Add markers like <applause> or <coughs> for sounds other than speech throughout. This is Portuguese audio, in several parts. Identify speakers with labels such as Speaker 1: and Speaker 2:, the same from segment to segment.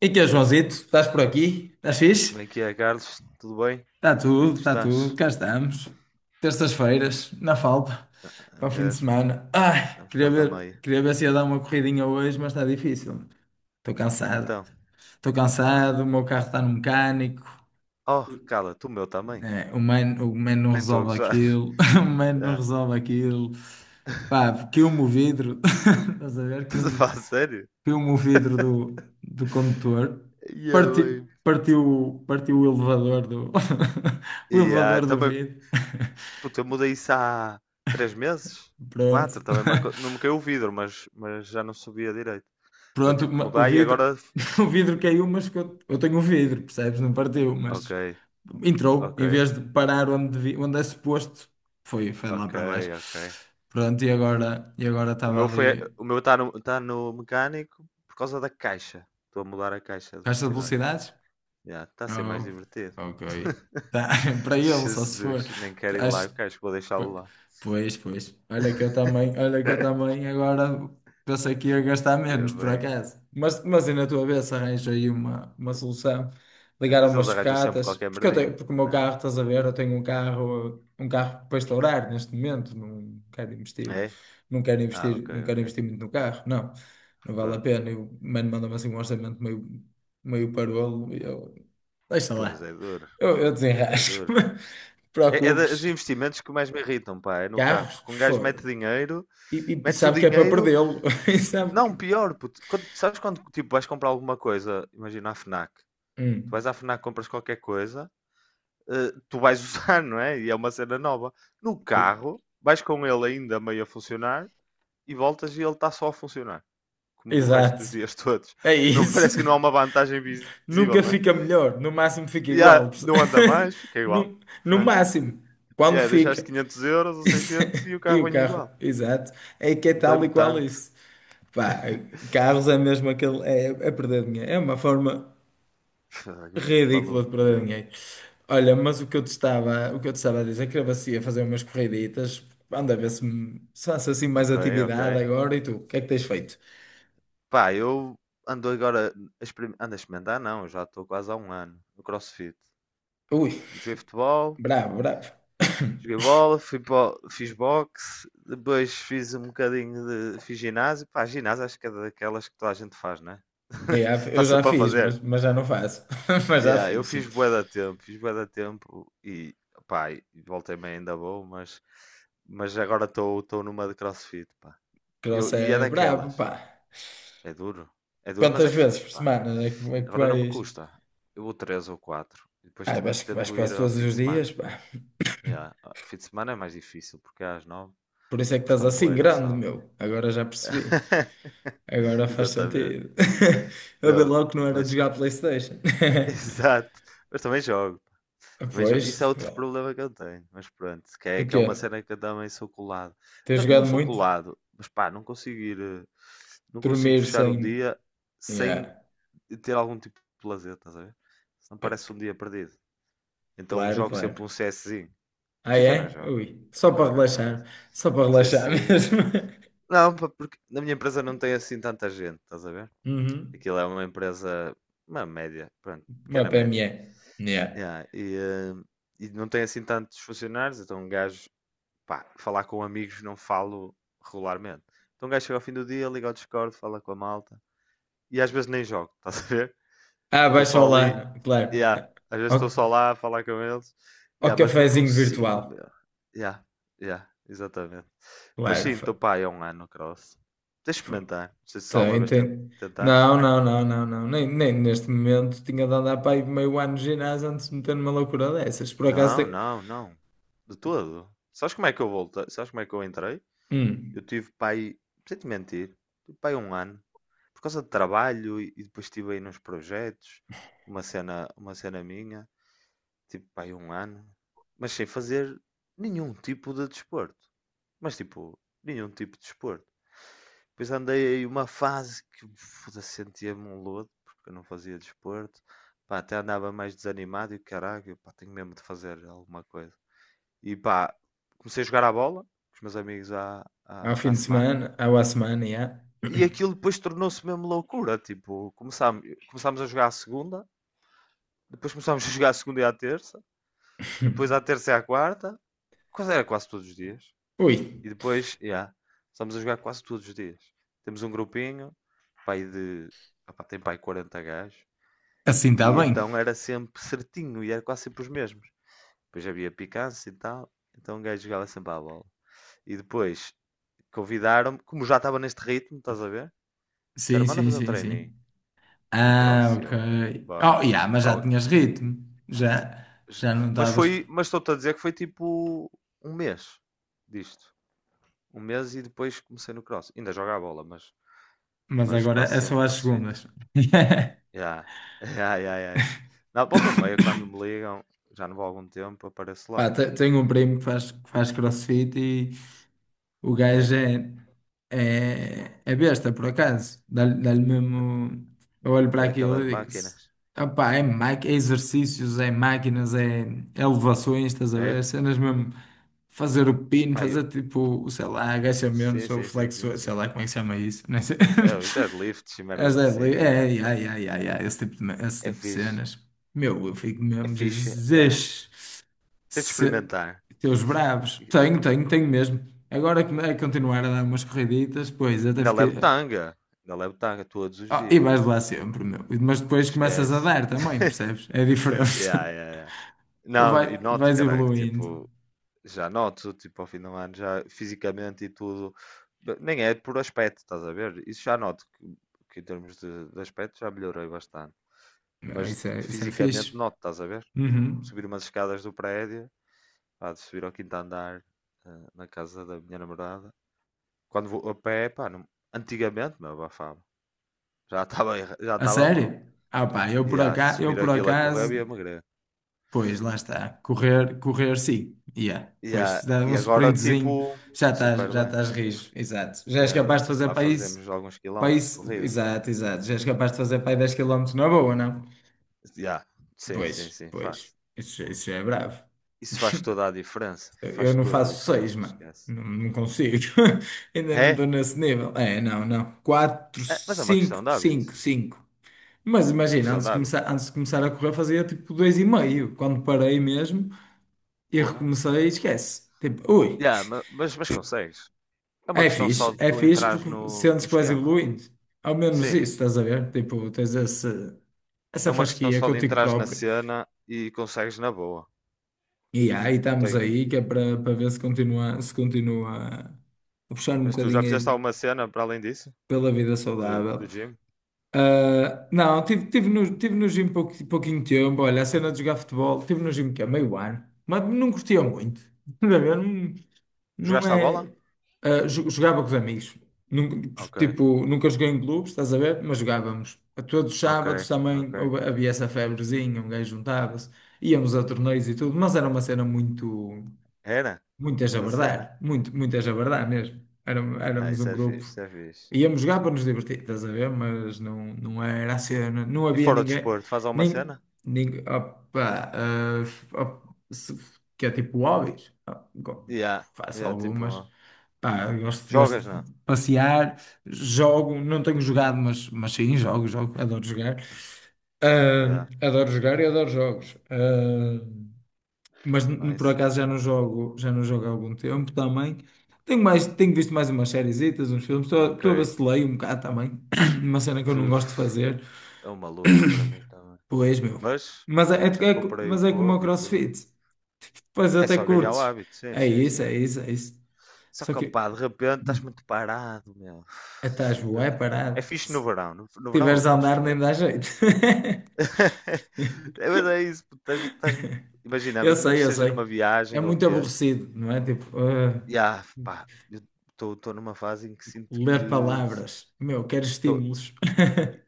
Speaker 1: E que é, Joãozito? Estás por aqui? Estás
Speaker 2: Como
Speaker 1: fixe?
Speaker 2: é que é, Carlos? Tudo bem? Como é que tu
Speaker 1: Está tudo,
Speaker 2: estás?
Speaker 1: cá estamos. Terças-feiras, na falta,
Speaker 2: Ah,
Speaker 1: para o fim de
Speaker 2: mesmo,
Speaker 1: semana. Ai,
Speaker 2: estamos
Speaker 1: queria
Speaker 2: quase à
Speaker 1: ver,
Speaker 2: meia.
Speaker 1: queria ver se ia dar uma corridinha hoje, mas está difícil. Estou cansado.
Speaker 2: Então,
Speaker 1: Estou
Speaker 2: vá.
Speaker 1: cansado, o meu carro está no mecânico.
Speaker 2: Oh, cala, tu o meu também.
Speaker 1: É, o man não
Speaker 2: Nem estou a
Speaker 1: resolve
Speaker 2: gozar.
Speaker 1: aquilo. <laughs> O man
Speaker 2: <laughs>
Speaker 1: não
Speaker 2: Já.
Speaker 1: resolve aquilo.
Speaker 2: <laughs>
Speaker 1: Pá, queimou o vidro. <laughs> Estás a ver?
Speaker 2: Estás a falar a sério?
Speaker 1: Piu-me o vidro do condutor,
Speaker 2: Yeah,
Speaker 1: parti,
Speaker 2: bem.
Speaker 1: partiu o elevador do, <laughs> o
Speaker 2: E,
Speaker 1: elevador do
Speaker 2: também,
Speaker 1: vidro.
Speaker 2: puta, eu mudei isso há três meses?
Speaker 1: <laughs> Pronto.
Speaker 2: Quatro, também não me caiu o vidro, mas já não subia direito. Eu
Speaker 1: Pronto,
Speaker 2: tive que
Speaker 1: o
Speaker 2: mudar e
Speaker 1: vidro,
Speaker 2: agora.
Speaker 1: <laughs> o vidro caiu, mas eu tenho o vidro, percebes? Não partiu,
Speaker 2: Ok,
Speaker 1: mas entrou,
Speaker 2: ok,
Speaker 1: em vez de parar onde, onde é suposto, foi lá
Speaker 2: ok,
Speaker 1: para baixo.
Speaker 2: ok.
Speaker 1: Pronto, e agora estava ali,
Speaker 2: O meu está tá no mecânico por causa da caixa. Estou a mudar a caixa de
Speaker 1: caixa de
Speaker 2: velocidades.
Speaker 1: velocidades?
Speaker 2: Já, está a ser mais
Speaker 1: Oh,
Speaker 2: divertido.
Speaker 1: ok. Tá, <laughs>
Speaker 2: <laughs>
Speaker 1: para ele, só se for.
Speaker 2: Jesus, nem quero ir lá,
Speaker 1: Acho.
Speaker 2: eu quero, acho que vou deixá-lo
Speaker 1: Po-
Speaker 2: lá.
Speaker 1: pois. Olha que eu também agora pensei que ia gastar
Speaker 2: Ya
Speaker 1: menos, por
Speaker 2: bem.
Speaker 1: acaso. Mas e na tua vez arranjo aí uma solução. Ligar a
Speaker 2: Depois eles
Speaker 1: umas
Speaker 2: arranjam sempre
Speaker 1: sucatas,
Speaker 2: qualquer
Speaker 1: porque eu tenho,
Speaker 2: merdinho,
Speaker 1: porque o meu
Speaker 2: né?
Speaker 1: carro, estás a ver, eu tenho um carro para estourar neste momento, não quero investir,
Speaker 2: É?
Speaker 1: não quero
Speaker 2: Ah,
Speaker 1: investir,
Speaker 2: ok,
Speaker 1: não quero
Speaker 2: ok.
Speaker 1: investir muito no carro, não, não vale a
Speaker 2: Pronto.
Speaker 1: pena. E o mano manda-me assim um orçamento meio, meio parolo e eu, deixa
Speaker 2: Pois
Speaker 1: lá,
Speaker 2: é duro,
Speaker 1: eu
Speaker 2: é
Speaker 1: desenrasco, <laughs>
Speaker 2: duro.
Speaker 1: não te
Speaker 2: É dos
Speaker 1: preocupes.
Speaker 2: investimentos que mais me irritam, pá, é no carro.
Speaker 1: Carros?
Speaker 2: Porque um gajo mete
Speaker 1: Foda-se.
Speaker 2: dinheiro,
Speaker 1: E, e
Speaker 2: metes o
Speaker 1: sabe que é para
Speaker 2: dinheiro,
Speaker 1: perdê-lo. <laughs> E sabe
Speaker 2: não,
Speaker 1: que.
Speaker 2: pior, puto. Sabes quando tipo, vais comprar alguma coisa, imagina a FNAC. Tu vais
Speaker 1: Hum,
Speaker 2: à FNAC, compras qualquer coisa tu vais <laughs> usar, não é? E é uma cena nova. No
Speaker 1: pô,
Speaker 2: carro, vais com ele ainda meio a funcionar e voltas e ele está só a funcionar, como do resto dos
Speaker 1: exato.
Speaker 2: dias <laughs> todos.
Speaker 1: É
Speaker 2: Não
Speaker 1: isso.
Speaker 2: parece que não há uma vantagem
Speaker 1: <laughs>
Speaker 2: visível,
Speaker 1: Nunca
Speaker 2: não é?
Speaker 1: fica melhor. No máximo fica
Speaker 2: Já,
Speaker 1: igual.
Speaker 2: não anda mais,
Speaker 1: <laughs>
Speaker 2: fica igual.
Speaker 1: No, no
Speaker 2: Pronto.
Speaker 1: máximo. Quando
Speaker 2: Yeah, deixaste
Speaker 1: fica.
Speaker 2: 500€ ou 600 e
Speaker 1: <laughs>
Speaker 2: o
Speaker 1: E
Speaker 2: carro
Speaker 1: o
Speaker 2: vem
Speaker 1: carro?
Speaker 2: igual.
Speaker 1: Exato. É que é tal e
Speaker 2: Andei-me
Speaker 1: qual
Speaker 2: tanto.
Speaker 1: isso. Pá, carros é mesmo aquele. É, é perder dinheiro. É uma forma
Speaker 2: <laughs> Eu fico
Speaker 1: ridícula de
Speaker 2: maluco,
Speaker 1: perder
Speaker 2: meu.
Speaker 1: dinheiro. Olha, mas o que eu te estava, o que eu te estava a dizer, é que eu ia fazer umas corriditas, anda a ver se, se faço assim mais
Speaker 2: Ok, ok.
Speaker 1: atividade agora e tu, o que é que tens feito?
Speaker 2: Pá, eu ando agora ando a experimentar, não, eu já estou quase há um ano no CrossFit.
Speaker 1: Ui,
Speaker 2: Joguei futebol,
Speaker 1: bravo, bravo.
Speaker 2: joguei
Speaker 1: <coughs>
Speaker 2: bola, fiz boxe, depois fiz um bocadinho de. Fiz ginásio. Pá, ginásio acho que é daquelas que toda a gente faz, não é? <laughs>
Speaker 1: Yeah,
Speaker 2: Está
Speaker 1: eu já
Speaker 2: sempre a
Speaker 1: fiz,
Speaker 2: fazer.
Speaker 1: mas já não faço. <laughs> Mas já
Speaker 2: Yeah, eu
Speaker 1: fiz,
Speaker 2: fiz
Speaker 1: sim.
Speaker 2: bué da tempo, fiz bué da tempo e pá, e voltei-me ainda bom, mas, agora estou numa de CrossFit, pá.
Speaker 1: Cross
Speaker 2: E é
Speaker 1: é brabo,
Speaker 2: daquelas.
Speaker 1: pá.
Speaker 2: É duro. É duro, mas é
Speaker 1: Quantas vezes
Speaker 2: fixe,
Speaker 1: por
Speaker 2: pá.
Speaker 1: semana é que
Speaker 2: Agora não me
Speaker 1: vais?
Speaker 2: custa. Eu vou três ou quatro. E depois
Speaker 1: Ah, vais,
Speaker 2: tento,
Speaker 1: vais
Speaker 2: tento ir
Speaker 1: quase
Speaker 2: ao
Speaker 1: todos
Speaker 2: fim de
Speaker 1: os dias,
Speaker 2: semana.
Speaker 1: pá.
Speaker 2: Yeah. Ao fim de semana é mais difícil, porque é às nove.
Speaker 1: Por isso é que estás
Speaker 2: Custa-me
Speaker 1: assim
Speaker 2: bué ir ao
Speaker 1: grande,
Speaker 2: sábado.
Speaker 1: meu. Agora já percebi.
Speaker 2: <laughs>
Speaker 1: Agora faz
Speaker 2: Exatamente.
Speaker 1: sentido. <laughs> Eu vi
Speaker 2: Não,
Speaker 1: logo que não era de
Speaker 2: mas
Speaker 1: jogar PlayStation.
Speaker 2: <laughs>
Speaker 1: <laughs>
Speaker 2: exato. Mas também jogo. Também jogo. Isso é
Speaker 1: Pois,
Speaker 2: outro
Speaker 1: claro.
Speaker 2: problema que eu tenho. Mas pronto, que
Speaker 1: O
Speaker 2: é, que é
Speaker 1: quê?
Speaker 2: uma cena que eu também sou colado.
Speaker 1: Tens
Speaker 2: Não, não
Speaker 1: jogado
Speaker 2: sou
Speaker 1: muito?
Speaker 2: colado, mas pá, não consigo ir. Não consigo
Speaker 1: Dormir
Speaker 2: fechar um
Speaker 1: sem.
Speaker 2: dia sem
Speaker 1: Yeah.
Speaker 2: ter algum tipo de lazer, estás a ver? Senão
Speaker 1: É,
Speaker 2: parece um dia perdido. Então
Speaker 1: claro,
Speaker 2: jogo sempre
Speaker 1: claro.
Speaker 2: um CSzinho.
Speaker 1: Ah,
Speaker 2: FIFA não
Speaker 1: é?
Speaker 2: jogo.
Speaker 1: Ui. Só para
Speaker 2: Agora não jogo
Speaker 1: relaxar.
Speaker 2: isso.
Speaker 1: Só para relaxar <laughs>
Speaker 2: CSzinho.
Speaker 1: mesmo.
Speaker 2: Não, pá, porque na minha empresa não tem assim tanta gente, estás a ver?
Speaker 1: Uhum.
Speaker 2: Aquilo é uma empresa, uma média, pronto,
Speaker 1: Uma
Speaker 2: pequena média.
Speaker 1: PME. Yeah.
Speaker 2: Yeah, e não tem assim tantos funcionários, então um gajo, pá, falar com amigos não falo regularmente. Então um gajo chega ao fim do dia, liga ao Discord, fala com a malta. E às vezes nem jogo, <laughs> estás a ver?
Speaker 1: Ah,
Speaker 2: Estou
Speaker 1: baixa
Speaker 2: só
Speaker 1: o
Speaker 2: ali,
Speaker 1: claro.
Speaker 2: yeah, às vezes
Speaker 1: Ao,
Speaker 2: estou só lá a falar com eles,
Speaker 1: ao
Speaker 2: yeah, mas não
Speaker 1: cafezinho
Speaker 2: consigo,
Speaker 1: virtual.
Speaker 2: meu. Yeah, yeah, exatamente. Mas sim, estou
Speaker 1: Claro.
Speaker 2: pá, é um ano cross. Tens de experimentar, não sei se alguma
Speaker 1: Tem,
Speaker 2: vez
Speaker 1: tem.
Speaker 2: tentaste.
Speaker 1: Não, não, não, não, não. Nem, nem neste momento tinha de andar para aí meio ano de ginásio antes de meter numa loucura dessas. Por acaso
Speaker 2: Não,
Speaker 1: tem.
Speaker 2: não, não. De todo. Sabes como é que eu voltei? Sabes como é que eu entrei? Eu
Speaker 1: Hum,
Speaker 2: tive pai, sem te mentir, tive pai um ano. Por causa de trabalho e depois estive aí nos projetos, uma cena minha, tipo pai um ano, mas sem fazer nenhum tipo de desporto. Mas tipo, nenhum tipo de desporto. Depois andei aí uma fase que foda-se, sentia-me um lodo, porque eu não fazia desporto. Pá, até andava mais desanimado e caralho, pá, tenho mesmo de fazer alguma coisa. E pá, comecei a jogar à bola com os meus amigos à,
Speaker 1: ao
Speaker 2: à,
Speaker 1: fim
Speaker 2: à
Speaker 1: de
Speaker 2: semana.
Speaker 1: semana, ao à semana, já.
Speaker 2: E
Speaker 1: <coughs>
Speaker 2: aquilo depois tornou-se mesmo loucura. Tipo, começámos a jogar à segunda, depois começámos a <laughs> jogar à segunda e à terça, depois à terça e à quarta, quase era quase todos os dias.
Speaker 1: Ui,
Speaker 2: E depois, yeah, começámos a jogar quase todos os dias. Temos um grupinho, pai de. Opá, tem pai 40 gajos.
Speaker 1: assim está
Speaker 2: E
Speaker 1: bem.
Speaker 2: então era sempre certinho e era quase sempre os mesmos. Depois havia picância e tal. Então um gajo jogava sempre à bola. E depois convidaram-me, como já estava neste ritmo, estás a ver?
Speaker 1: Sim,
Speaker 2: Disseram, manda
Speaker 1: sim,
Speaker 2: fazer um
Speaker 1: sim,
Speaker 2: treininho
Speaker 1: sim.
Speaker 2: no
Speaker 1: Ah,
Speaker 2: cross. E
Speaker 1: ok.
Speaker 2: eu, bora.
Speaker 1: Oh, yeah, mas
Speaker 2: Pá,
Speaker 1: já tinhas ritmo. Já, já não
Speaker 2: mas
Speaker 1: estavas.
Speaker 2: foi, mas estou-te a dizer que foi tipo um mês disto. Um mês e depois comecei no cross. Ainda jogo a bola, mas,
Speaker 1: Mas
Speaker 2: mas
Speaker 1: agora
Speaker 2: quase
Speaker 1: é só
Speaker 2: sempre
Speaker 1: às
Speaker 2: crossfit.
Speaker 1: segundas. <coughs>
Speaker 2: Yeah. Yeah, yeah, yeah. <laughs> Na volta e meia, quando me
Speaker 1: <laughs>
Speaker 2: ligam, já não vou há algum tempo, apareço lá.
Speaker 1: Pá, tenho um primo que faz crossfit. O
Speaker 2: É?
Speaker 1: gajo é, é, é besta, por acaso. Dá-lhe dá-lhe mesmo. Eu olho
Speaker 2: É
Speaker 1: para aquilo
Speaker 2: daquelas
Speaker 1: e digo:
Speaker 2: máquinas.
Speaker 1: opá, é, é exercícios, é máquinas, é é elevações, estás a ver?
Speaker 2: É?
Speaker 1: É cenas mesmo. Fazer o pino,
Speaker 2: Pá, eu...
Speaker 1: fazer tipo, sei lá,
Speaker 2: Sim,
Speaker 1: agachamentos ou
Speaker 2: sim, sim, sim,
Speaker 1: flexões, sei
Speaker 2: sim.
Speaker 1: lá como é que se chama isso, nem sei.
Speaker 2: É, os
Speaker 1: <laughs>
Speaker 2: deadlifts e
Speaker 1: As
Speaker 2: merdas assim.
Speaker 1: deadlift,
Speaker 2: Yeah.
Speaker 1: é, é,
Speaker 2: Opa,
Speaker 1: é, é, é, é, é, esse
Speaker 2: é
Speaker 1: tipo de
Speaker 2: fixe.
Speaker 1: cenas. Meu, eu fico
Speaker 2: É
Speaker 1: mesmo,
Speaker 2: fixe, é.
Speaker 1: Jesus.
Speaker 2: Tens de
Speaker 1: Se...
Speaker 2: experimentar.
Speaker 1: Teus bravos. Tenho, tenho, tenho mesmo. Agora que é continuar a dar umas corriditas, pois até
Speaker 2: Ainda
Speaker 1: fiquei.
Speaker 2: levo tanga. Ainda levo tanga todos os
Speaker 1: Ah, e vais
Speaker 2: dias.
Speaker 1: lá sempre, meu. Mas depois começas a
Speaker 2: Esquece.
Speaker 1: dar também,
Speaker 2: <laughs>
Speaker 1: percebes? É diferente.
Speaker 2: Yeah, yeah, yeah.
Speaker 1: <laughs>
Speaker 2: Não,
Speaker 1: Vai,
Speaker 2: e noto,
Speaker 1: vais
Speaker 2: caraca,
Speaker 1: evoluindo.
Speaker 2: tipo, já noto, tipo, ao fim do ano, já fisicamente e tudo. Nem é por aspecto, estás a ver? Isso já noto que, em termos de, aspecto já melhorei bastante.
Speaker 1: Ah,
Speaker 2: Mas
Speaker 1: isso é, isso é
Speaker 2: fisicamente
Speaker 1: fixe.
Speaker 2: noto, estás a ver? Tipo,
Speaker 1: Uhum.
Speaker 2: subir umas escadas do prédio, pá, de subir ao quinto andar na casa da minha namorada. Quando vou a pé, pá, antigamente, meu, abafava. Já estava já
Speaker 1: A
Speaker 2: estava mal.
Speaker 1: sério? Ah, pá, eu por
Speaker 2: E se
Speaker 1: acaso, eu
Speaker 2: subir
Speaker 1: por
Speaker 2: aquilo a correr,
Speaker 1: acaso,
Speaker 2: eu ia magrer.
Speaker 1: pois lá está. Correr, correr sim. Yeah.
Speaker 2: E,
Speaker 1: Pois,
Speaker 2: ah,
Speaker 1: dá um
Speaker 2: e agora,
Speaker 1: sprintzinho,
Speaker 2: tipo, super
Speaker 1: já
Speaker 2: bem.
Speaker 1: estás rijo. Exato. Já
Speaker 2: E,
Speaker 1: és
Speaker 2: ah,
Speaker 1: capaz de fazer
Speaker 2: lá
Speaker 1: para isso.
Speaker 2: fazemos alguns
Speaker 1: Para
Speaker 2: quilómetros de
Speaker 1: isso,
Speaker 2: corrida.
Speaker 1: exato, exato. Já és capaz de fazer para aí 10 km na boa, não?
Speaker 2: E, ah, sim,
Speaker 1: Pois,
Speaker 2: sim, sim,
Speaker 1: pois.
Speaker 2: faz.
Speaker 1: Isso, isso já é bravo.
Speaker 2: Isso faz toda a diferença.
Speaker 1: Eu
Speaker 2: Faz
Speaker 1: não
Speaker 2: toda a
Speaker 1: faço seis,
Speaker 2: diferença,
Speaker 1: mano.
Speaker 2: esquece.
Speaker 1: Não, não consigo. <laughs> Ainda não
Speaker 2: É?
Speaker 1: estou nesse nível. É, não, não. Quatro,
Speaker 2: É, mas é uma
Speaker 1: cinco,
Speaker 2: questão de hábito.
Speaker 1: cinco, cinco. Mas
Speaker 2: Uma
Speaker 1: imagina,
Speaker 2: questão de hábito.
Speaker 1: antes de começar a correr, fazia tipo dois e meio. Quando parei mesmo e
Speaker 2: Porra.
Speaker 1: recomecei, esquece. Tipo, ui.
Speaker 2: Já, mas consegues. É uma questão só de
Speaker 1: É
Speaker 2: tu
Speaker 1: fixe
Speaker 2: entrares
Speaker 1: porque
Speaker 2: no,
Speaker 1: sentes
Speaker 2: no
Speaker 1: que vais
Speaker 2: esquema.
Speaker 1: evoluindo. Ao menos
Speaker 2: Sim,
Speaker 1: isso, estás a ver? Tipo,
Speaker 2: é
Speaker 1: essa
Speaker 2: uma questão
Speaker 1: fasquia
Speaker 2: só de
Speaker 1: contigo
Speaker 2: entrares na
Speaker 1: próprio.
Speaker 2: cena e consegues na boa.
Speaker 1: E yeah, aí
Speaker 2: Não
Speaker 1: estamos
Speaker 2: tem...
Speaker 1: aí, que é para para ver se continua, se continua a puxar um
Speaker 2: Mas tu já
Speaker 1: bocadinho
Speaker 2: fizeste
Speaker 1: aí
Speaker 2: alguma cena para além disso?
Speaker 1: pela vida
Speaker 2: Do,
Speaker 1: saudável.
Speaker 2: do gym?
Speaker 1: Ah, não, tive, tive no gym pouco, pouquinho tempo. Olha, a cena de jogar futebol, tive no gym que é meio ano, mas não curtia muito. <laughs> Estás a ver? Não, não
Speaker 2: Jogaste à bola?
Speaker 1: é. Ah, jogava com os amigos. Nunca-
Speaker 2: Ok,
Speaker 1: tipo, nunca joguei em clubes, estás a ver? Mas jogávamos. A todos os
Speaker 2: ok,
Speaker 1: sábados
Speaker 2: ok.
Speaker 1: também havia essa febrezinha, um gajo juntava-se, íamos a torneios e tudo, mas era uma cena muito.
Speaker 2: Era?
Speaker 1: Muitas a
Speaker 2: Boa cena.
Speaker 1: verdade, muitas a verdade mesmo.
Speaker 2: Ah,
Speaker 1: Éramos
Speaker 2: isso
Speaker 1: um
Speaker 2: é fixe,
Speaker 1: grupo.
Speaker 2: isso é fixe.
Speaker 1: Íamos jogar para nos divertir, estás a ver? Mas não, não era a cena, não
Speaker 2: E
Speaker 1: havia
Speaker 2: fora do
Speaker 1: ninguém,
Speaker 2: desporto, faz alguma
Speaker 1: nem,
Speaker 2: cena?
Speaker 1: nem opa, ah, op- se- que é tipo hobbies. Ah,
Speaker 2: Yeah,
Speaker 1: faço
Speaker 2: yeah,
Speaker 1: algumas,
Speaker 2: tipo,
Speaker 1: pá, gosto
Speaker 2: jogas, não?
Speaker 1: de passear, jogo, não tenho jogado, mas sim, jogo, jogo, adoro jogar.
Speaker 2: Yeah,
Speaker 1: Ah, adoro jogar e adoro jogos. Ah, mas por
Speaker 2: nice.
Speaker 1: acaso já não jogo há algum tempo também. Tenho mais, tenho visto mais umas sériezitas, uns filmes, estou a
Speaker 2: Ok.
Speaker 1: vacilei um bocado também, <clears throat> uma cena que eu não gosto de
Speaker 2: Uf,
Speaker 1: fazer,
Speaker 2: é uma luta para mim também.
Speaker 1: pois meu.
Speaker 2: Mas,
Speaker 1: Mas é,
Speaker 2: yeah, já
Speaker 1: é,
Speaker 2: comprei o
Speaker 1: mas é como o
Speaker 2: Kobe e tudo.
Speaker 1: CrossFit, pois
Speaker 2: É
Speaker 1: até
Speaker 2: só ganhar o
Speaker 1: curtes.
Speaker 2: hábito, sim,
Speaker 1: É
Speaker 2: sim,
Speaker 1: isso,
Speaker 2: sim.
Speaker 1: é isso, é isso.
Speaker 2: Só
Speaker 1: Só
Speaker 2: que, opá,
Speaker 1: que
Speaker 2: de repente estás muito parado, meu. De
Speaker 1: estás bué
Speaker 2: repente. É
Speaker 1: parado.
Speaker 2: fixe no
Speaker 1: Se
Speaker 2: verão. no, verão eu
Speaker 1: tiveres a
Speaker 2: gosto
Speaker 1: andar
Speaker 2: de
Speaker 1: nem
Speaker 2: ler.
Speaker 1: dá jeito. <laughs>
Speaker 2: <laughs> É, mas é isso. Pô, imagina
Speaker 1: Eu
Speaker 2: menos
Speaker 1: sei,
Speaker 2: que
Speaker 1: eu
Speaker 2: seja
Speaker 1: sei.
Speaker 2: numa
Speaker 1: É
Speaker 2: viagem ou o
Speaker 1: muito
Speaker 2: quê.
Speaker 1: aborrecido, não é? Tipo, ah,
Speaker 2: E, pá, eu estou numa fase em que sinto que.
Speaker 1: ler palavras. Meu, quero
Speaker 2: Tô,
Speaker 1: estímulos.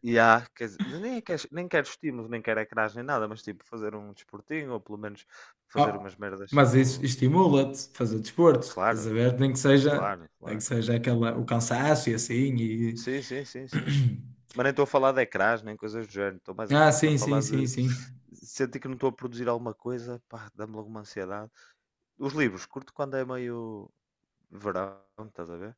Speaker 2: e há, quer dizer, nem quero estímulos, nem quero ecrãs, nem nada, mas tipo fazer um desportinho ou pelo menos fazer
Speaker 1: Ah,
Speaker 2: umas merdas
Speaker 1: mas isso
Speaker 2: tipo.
Speaker 1: estimula-te a fazer desporto, estás
Speaker 2: Claro,
Speaker 1: a ver? Nem que seja,
Speaker 2: claro,
Speaker 1: nem que
Speaker 2: claro.
Speaker 1: seja aquela, o cansaço e assim. E...
Speaker 2: Sim, sim, sim, sim.
Speaker 1: <clears throat>
Speaker 2: Mas nem estou a falar de ecrãs, nem coisas do género, estou mais
Speaker 1: Ah,
Speaker 2: a
Speaker 1: sim, sim,
Speaker 2: falar
Speaker 1: sim,
Speaker 2: de
Speaker 1: sim.
Speaker 2: sentir que não estou a produzir alguma coisa, pá, dá-me logo uma ansiedade. Os livros, curto quando é meio verão, estás a ver?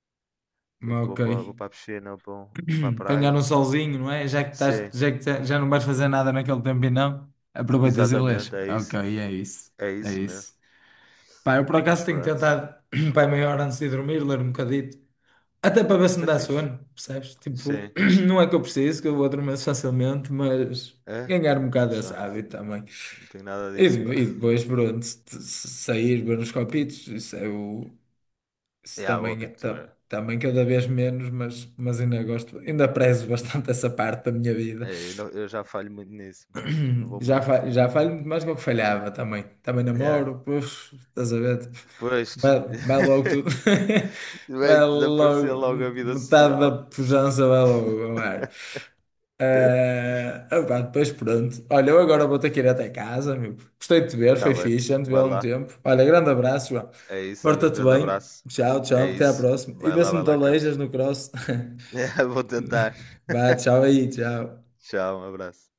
Speaker 2: Tipo,
Speaker 1: Mas
Speaker 2: vou para, vou
Speaker 1: ok.
Speaker 2: para a piscina, vou para, vou para a
Speaker 1: <clears throat> Apanhar um
Speaker 2: praia.
Speaker 1: solzinho, não é? Já que estás,
Speaker 2: Sim,
Speaker 1: já que já não vais fazer nada naquele tempo e não, aproveitas e lês.
Speaker 2: exatamente, é isso.
Speaker 1: Ok, é isso.
Speaker 2: É
Speaker 1: É
Speaker 2: isso mesmo.
Speaker 1: isso. Pá, eu por
Speaker 2: Mas
Speaker 1: acaso tenho
Speaker 2: pronto, isso
Speaker 1: tentado, <clears throat> pá, 30 minutos antes de dormir, ler um bocadito. Até para ver se me
Speaker 2: é
Speaker 1: dá
Speaker 2: fixe.
Speaker 1: sono, percebes? Tipo,
Speaker 2: Sim,
Speaker 1: <clears throat> não é que eu preciso, que eu vou dormir facilmente, mas
Speaker 2: é.
Speaker 1: ganhar um bocado
Speaker 2: Que
Speaker 1: desse
Speaker 2: sorte.
Speaker 1: hábito também.
Speaker 2: Não tenho nada
Speaker 1: E,
Speaker 2: disso, pá.
Speaker 1: e
Speaker 2: <laughs>
Speaker 1: depois, pronto, se sair, ver uns copitos, isso é o. Isso
Speaker 2: É, o
Speaker 1: também,
Speaker 2: hábito é.
Speaker 1: também cada vez menos, mas ainda gosto, ainda prezo bastante <laughs> essa parte da minha vida.
Speaker 2: É, eu, não- eu já falho muito nisso. Já não vou
Speaker 1: Já,
Speaker 2: muito.
Speaker 1: já falho muito mais do que eu falhava também. Também
Speaker 2: É,
Speaker 1: namoro, pois, estás a ver? Tipo,
Speaker 2: depois.
Speaker 1: vai, vai logo tudo.
Speaker 2: <laughs>
Speaker 1: <laughs>
Speaker 2: Vai
Speaker 1: Vai
Speaker 2: desaparecer
Speaker 1: logo,
Speaker 2: logo a vida
Speaker 1: metade da
Speaker 2: social.
Speaker 1: pujança vai logo ao ar.
Speaker 2: <laughs>
Speaker 1: Ah, opá, depois pronto. Olha, eu agora vou ter que ir até casa, meu. Gostei de te ver,
Speaker 2: Tá
Speaker 1: foi
Speaker 2: bem,
Speaker 1: fixe, já não te vi há
Speaker 2: vai
Speaker 1: algum
Speaker 2: lá.
Speaker 1: tempo. Olha, grande abraço, João.
Speaker 2: É isso, olha, um
Speaker 1: Porta-te
Speaker 2: grande
Speaker 1: bem.
Speaker 2: abraço.
Speaker 1: Tchau,
Speaker 2: É
Speaker 1: tchau, até à
Speaker 2: isso.
Speaker 1: próxima. E vê se me
Speaker 2: Vai
Speaker 1: te
Speaker 2: lá,
Speaker 1: aleijas
Speaker 2: Carlos.
Speaker 1: no cross. <laughs>
Speaker 2: <laughs> Vou tentar.
Speaker 1: Vá, tchau aí, tchau.
Speaker 2: Tchau, um abraço.